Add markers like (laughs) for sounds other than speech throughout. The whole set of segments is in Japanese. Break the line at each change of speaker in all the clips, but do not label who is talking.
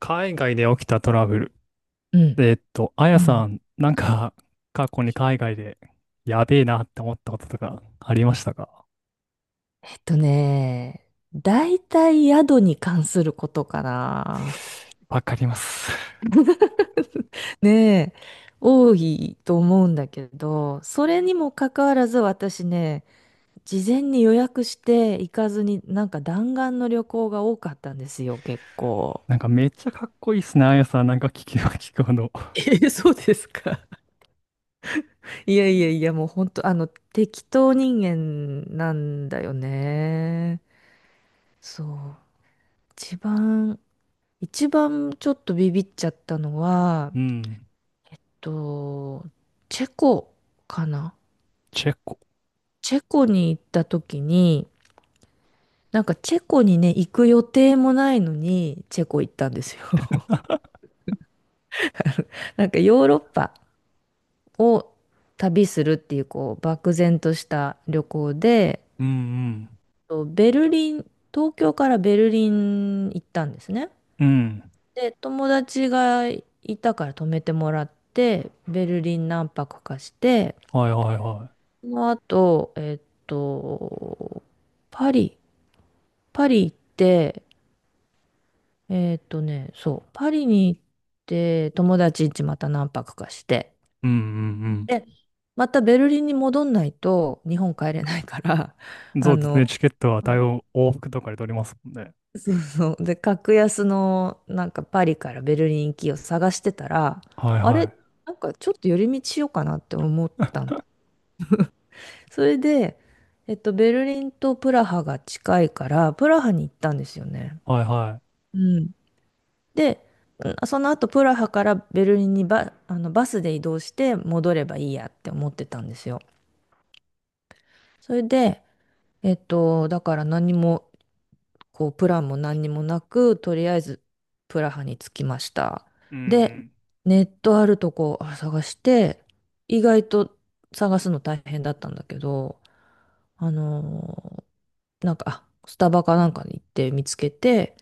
海外で起きたトラブル。
うん。
あ
う
やさ
ん。
ん、なんか、過去に海外で、やべえなって思ったこととか、ありましたか？
えっとね、大体宿に関することかな。
わかります。(laughs)
ねえ、多いと思うんだけど、それにもかかわらず私ね、事前に予約して行かずに、なんか弾丸の旅行が多かったんですよ、結構。
なんか、めっちゃかっこいいっすね、あやさん。なんか、聞けば聞くほど。
え、そうですか？いやいやいや、もう本当、適当人間なんだよね。そう。一番、一番ちょっとビビっちゃったのは、
うん。
と、チェコかな。
チェコ。
チェコに行った時に、なんかチェコにね、行く予定もないのに、チェコ行ったんですよ。(laughs) なんかヨーロッパを旅するっていう、こう、漠然とした旅行で、
うん
ベルリン、東京からベルリン行ったんですね。
うん。うん。
で、友達がいたから泊めてもらって、ベルリン何泊かして、
はいはいは
その後、パリ、パリ行って、そう、パリに行って、友達んちまた何泊かして、
い。うんうん
で、またベルリンに戻んないと日本帰れないから、
う
(laughs)
ん。そ
あ
うですね、
の、
チケットは対応、往復とかで取りますもんね。
そうそう、で、格安のなんかパリからベルリン行きを探してたら、
はい
あ
は
れ、
い
なんかちょっと寄り道しようかなって思ったん
(laughs)
で、それで、ベルリンとプラハが近いから、プラハに行ったんですよね。
はいは
うん。で、その後プラハからベルリンにあのバスで移動して戻ればいいやって思ってたんですよ。それで、だから何も、こう、プランも何にもなく、とりあえずプラハに着きました。
う
で、
ん
ネットあるとこ探して、意外と探すの大変だったんだけど、あのなんか、スタバかなんかに行って見つけて、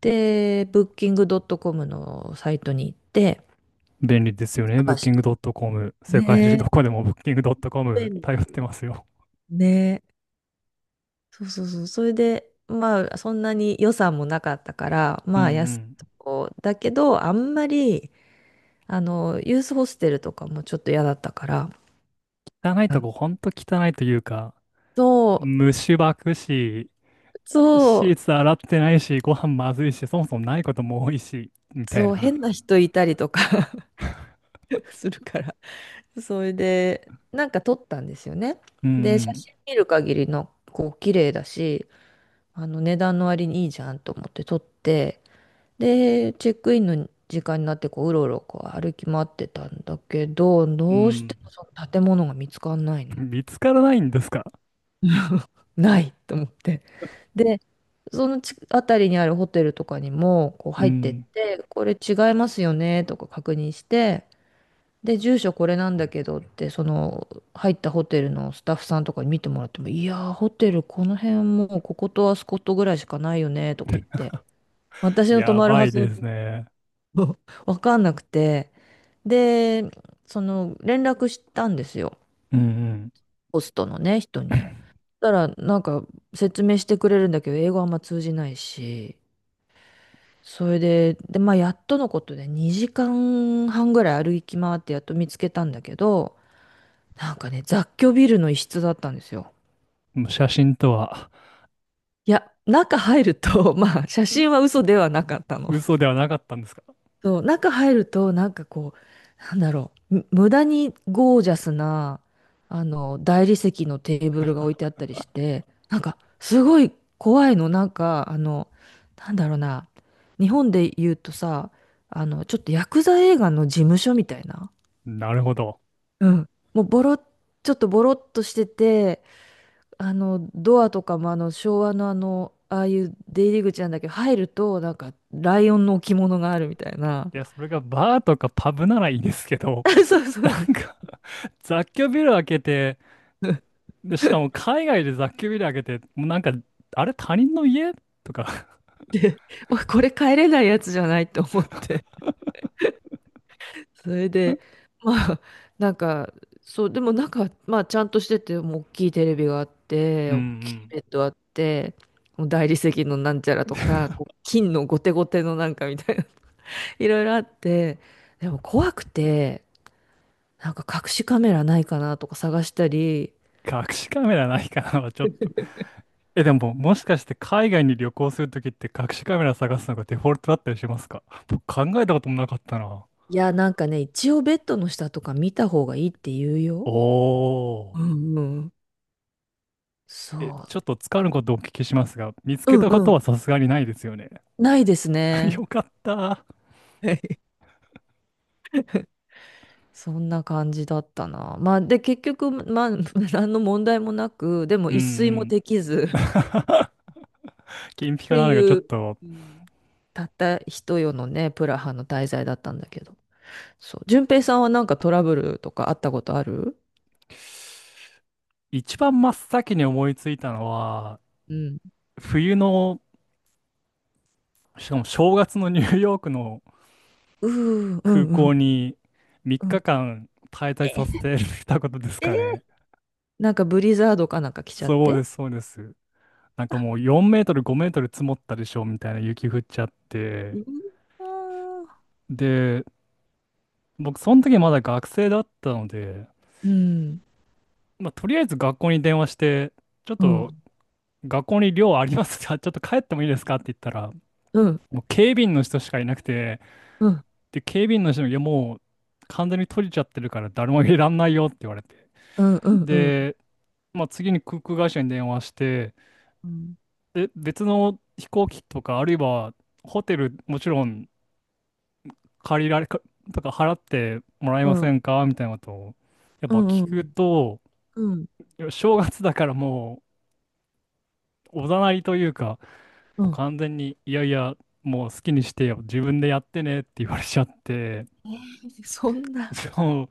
で、ブッキングドットコムのサイトに行って、
うんい。便利ですよね。
探し
Booking.com。世界中
て
ど
ね
こでも
え、
Booking.com
便
頼っ
利
てますよ。
ねえ。そうそうそう。それで、まあ、そんなに予算もなかったから、
う
まあ、安い
ん
とこだけど、あんまり、ユースホステルとかもちょっと嫌だったから、
うん。汚い
あ、
とこ、ほんと汚いというか、
そう、
虫ばくし、
そ
シー
う、
ツ洗ってないし、ご飯まずいし、そもそもないことも多いし、みたい
そう、
な。
変な人いたりとか (laughs) するから。それで、なんか撮ったんですよね。
う
で、写
ん
真見る限りの、こう、綺麗だし、値段の割にいいじゃんと思って撮って、で、チェックインの時間になってこう、うろうろこう歩き回ってたんだけど、
う
どうし
ん。
ても
う
その建物が見つかんないの。
ん。見つからないんですか？
ないと思って。で、その辺りにあるホテルとかにもこう
う
入ってっ
ん。
て、これ違いますよねとか確認して、で、住所これなんだけどって、その入ったホテルのスタッフさんとかに見てもらっても、いやー、ホテルこの辺もうこことあそことぐらいしかないよねとか言っ
(laughs)
て、私の泊
や
まる
ば
は
い
ず
で
のと
すね。
(laughs) わかんなくて。で、その連絡したんですよ。
うんうん。
ホストのね、人に。
(laughs)
そしたら、なんか説明してくれるんだけど、英語あんま通じないし。それで、で、まあ、やっとのことで2時間半ぐらい歩き回ってやっと見つけたんだけど、なんかね、雑居ビルの一室だったんですよ。
もう写真とは。
いや、中入ると、(laughs) まあ、写真は嘘ではなかったの。
嘘ではなかったんですか？
そう、中入ると、なんかこう、なんだろう、無駄にゴージャスな、大理石のテーブルが置いてあったりして、なんか、すごい怖いの、なんか、なんだろうな、日本で言うとさ、ちょっとヤクザ映画の事務所みたいな、
なるほど。
うん、もうボロ、ちょっとボロっとしてて、ドアとかも昭和のああいう出入り口なんだけど、入ると、なんか、ライオンの置物があるみたいな。
いや、それがバーとかパブならいいですけど、
(laughs) そう
(laughs)
そ
な
う。
んか雑居ビル開けて、で、しかも海外で雑居ビル開けて、もうなんか、あれ他人の家とか。
(laughs) まあこれ帰れないやつじゃないと思って。
(laughs)
(laughs) それで、まあ、なんか、そう、でもなんか、まあ、ちゃんとしてて、もう大きいテレビがあっ
う
て、
んう
大きいベッ
ん。
ドあって、もう大理石のなんちゃらとか、こう
(laughs)
金のゴテゴテのなんかみたいな、(laughs) いろいろあって、でも怖くて、なんか隠しカメラないかなとか探したり、
隠しカメラないかなはちょっと。え、でも、もしかして海外に旅行するときって隠しカメラ探すのがデフォルトだったりしますか？僕考えたこともなかったな。
いや、なんかね、一応ベッドの下とか見た方がいいって言う
お
よ。う
ー。
んうん。そ
え、ちょっとつかぬことをお聞きしますが、見つ
う。
け
うん
たこ
う
と
ん。
はさすがにないですよね。
ないです
(laughs)
ね。
よかった。
(laughs) そんな感じだったな。まあ、で、結局、まあ、(laughs) 何の問題もなく、でも
うんう
一睡も
ん。
できず
(laughs) 金ピ
っ
カ
て
なのがちょ
い
っ
う、
と。
うん、たった一夜のね、プラハの滞在だったんだけど。そう。順平さんはなんかトラブルとかあったことある？
一番真っ先に思いついたのは、
うん。
冬の、しかも正月のニューヨークの
うー、うん
空
う
港
ん
に3日
うん。
間滞在させ
え
てたことですかね。
え、なんかブリザードかなんか来ちゃっ
そう
て。
です、そうです。なんかもう4メートル、5メートル積もったでしょみたいな雪降っちゃって。
うわー、
で、僕、その時まだ学生だったので、
うん
まあ、とりあえず学校に電話して、ちょっ
う
と
ん、
学校に寮ありますか？ (laughs) ちょっと帰ってもいいですかって言ったら、
うん、
もう警備員の人しかいなくて、
うん、うん、
で、警備員の人に、いやもう完全に閉じちゃってるから誰もいらんないよって言われて。
うん、うん、うん、
で、まあ、次に航空会社に電話して、
うん、
で、別の飛行機とか、あるいはホテル、もちろん借りられか、とか払ってもらえ
う
ませ
ん、
んかみたいなことを、やっ
う
ぱ
ん、
聞
う
く
ん、
と、
うん、
いや正月だからもうおざなりというか、
う
もう
ん、
完全に、いやいや、もう好きにしてよ、自分でやってねって言われちゃって、
えー、そんな。
そ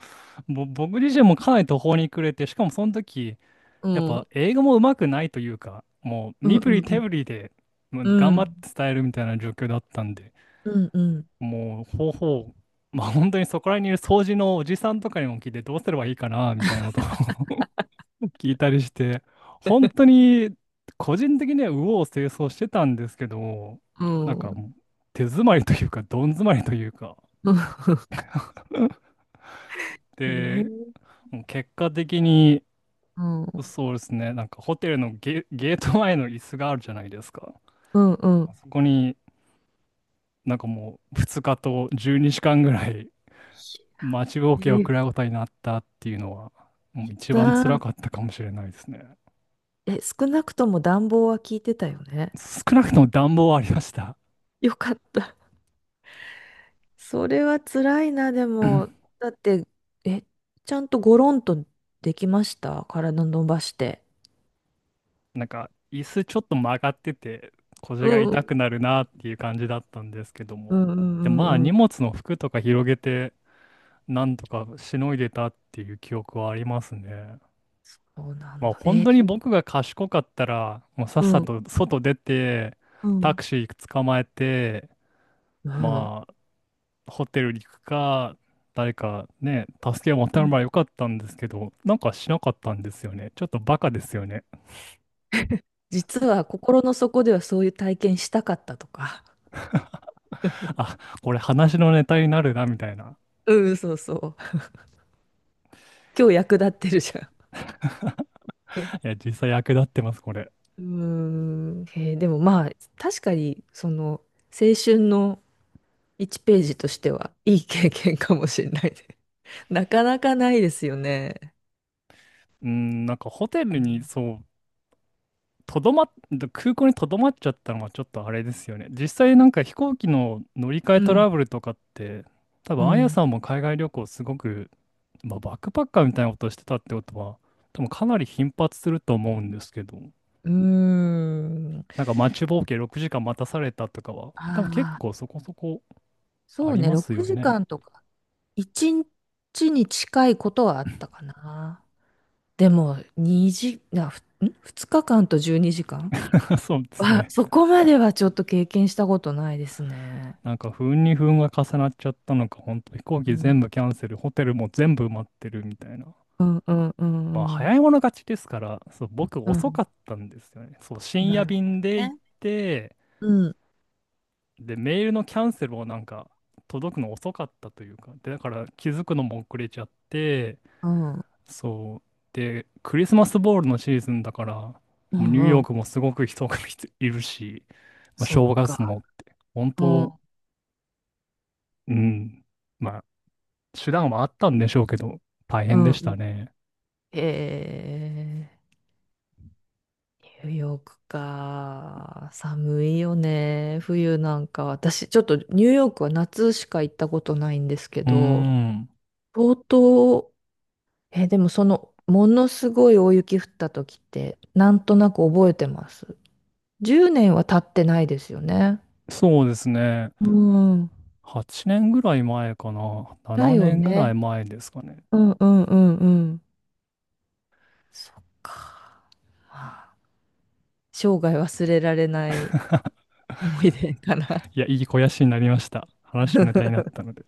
う、僕自身もかなり途方に暮れて、しかもその時、
う
やっ
ん。
ぱ英語も上手くないというか、もう
うん
身振
う
り
んう
手
ん。
振りでもう頑
う
張っ
ん
て伝えるみたいな状況だったんで、
うんうん。
もう方法、まあ本当にそこら辺にいる掃除のおじさんとかにも聞いてどうすればいいかな、みたいなことを聞いたりして、本当に個人的には右往左往してたんですけど、
う
なんか
ん。
もう手詰まりというか、どん詰まりというか。
うん。えー、
で、もう結果的に、
うん。
そうですね、なんかホテルのゲート前の椅子があるじゃないですか。
うんう
あ
ん。
そこになんかもう2日と12時間ぐらい待ちぼう
え
けを食
ー、
らうことになったっていうのは、もう一番辛
だ、
かったかもしれないですね。
え、少なくとも暖房は効いてたよね。
少なくとも暖房はありました。
よかった。それは辛いな、でも。だって、え、ちゃんとゴロンとできました？体伸ばして。
なんか椅子ちょっと曲がってて腰が
う
痛
ん。
くなるなっていう感じだったんですけど
う
も、
んうん
で
う
まあ
んう
荷
ん。
物の服とか広げてなんとかしのいでたっていう記憶はありますね。
そうな
ま
ん
あ
だ。
本
えー、
当に僕が賢かったらもうさっ
う
さ
ん。
と外出て
う
タ
ん。
クシー捕まえて、
うん。
まあホテルに行くか誰かね助けを
う
求めれ
ん。
ばよかったんですけど、なんかしなかったんですよね。ちょっとバカですよね。
実は心の底ではそういう体験したかったとか。
あ、これ話のネタになるなみたいな。
うん、そうそう。今日役立ってるじゃん。
いや、実際役立ってます、これ。
うん。へえ、でもまあ、確かに、その、青春の1ページとしては、いい経験かもしれないね。(laughs) なかなかないですよね。
うん、なんかホテル
うん。
に、そう、とどまっ、空港にとどまっちゃったのはちょっとあれですよね。実際なんか飛行機の乗り換えトラブルとかって、多
う
分あや
ん。
さんも海外旅行すごく、まあ、バックパッカーみたいなことしてたってことは、多分かなり頻発すると思うんですけど、
う
な
ん。
んか待ちぼうけ6時間待たされたとかは、
あ
多分結構
あ、
そこそこ
そ
あ
う
り
ね、
ます
6
よね。
時間とか、1日にちに近いことはあったかな。でも、2時、な、ふん2日間と12時間
(laughs) そうですね。
そこまではちょっと経験したことないですね。
なんか不運に不運が重なっちゃったのか、本当飛行
う
機全
ん、
部キャンセル、ホテルも全部埋まってるみたいな。
うんうんう
まあ、
んうん。
早い者勝ちですから、そう、僕
う
遅か
ん、
ったんですよね。そう、深
な
夜
るほ
便で
ど
行っ
ね。
て、
うん、
で、メールのキャンセルをなんか届くの遅かったというか、で、だから気づくのも遅れちゃって、
うん
そう、で、クリスマスボールのシーズンだから、も
う
う
ん
ニューヨ
う
ー
ん。
クもすごく人が (laughs) いるし、まあ、
そっ
正月
か。
もって、本
う
当、
ん
うん。まあ手段はあったんでしょうけど、大
う
変
ん
で
う
した
ん。
ね。
へえ、ニューヨークか。寒いよね。冬なんか。私、ちょっとニューヨークは夏しか行ったことないんですけ
うー
ど、
ん。
相当、え、でもその、ものすごい大雪降った時って、なんとなく覚えてます。10年は経ってないですよね。
そうですね。
うん。
8年ぐらい前かな。
だ
7
よ
年ぐら
ね。
い前ですかね。
うんうんうんうん。そっか。まあ、生涯忘れられない思い出かな。
いや、いい肥やしになりました。話のネタにな
(laughs)
ったので。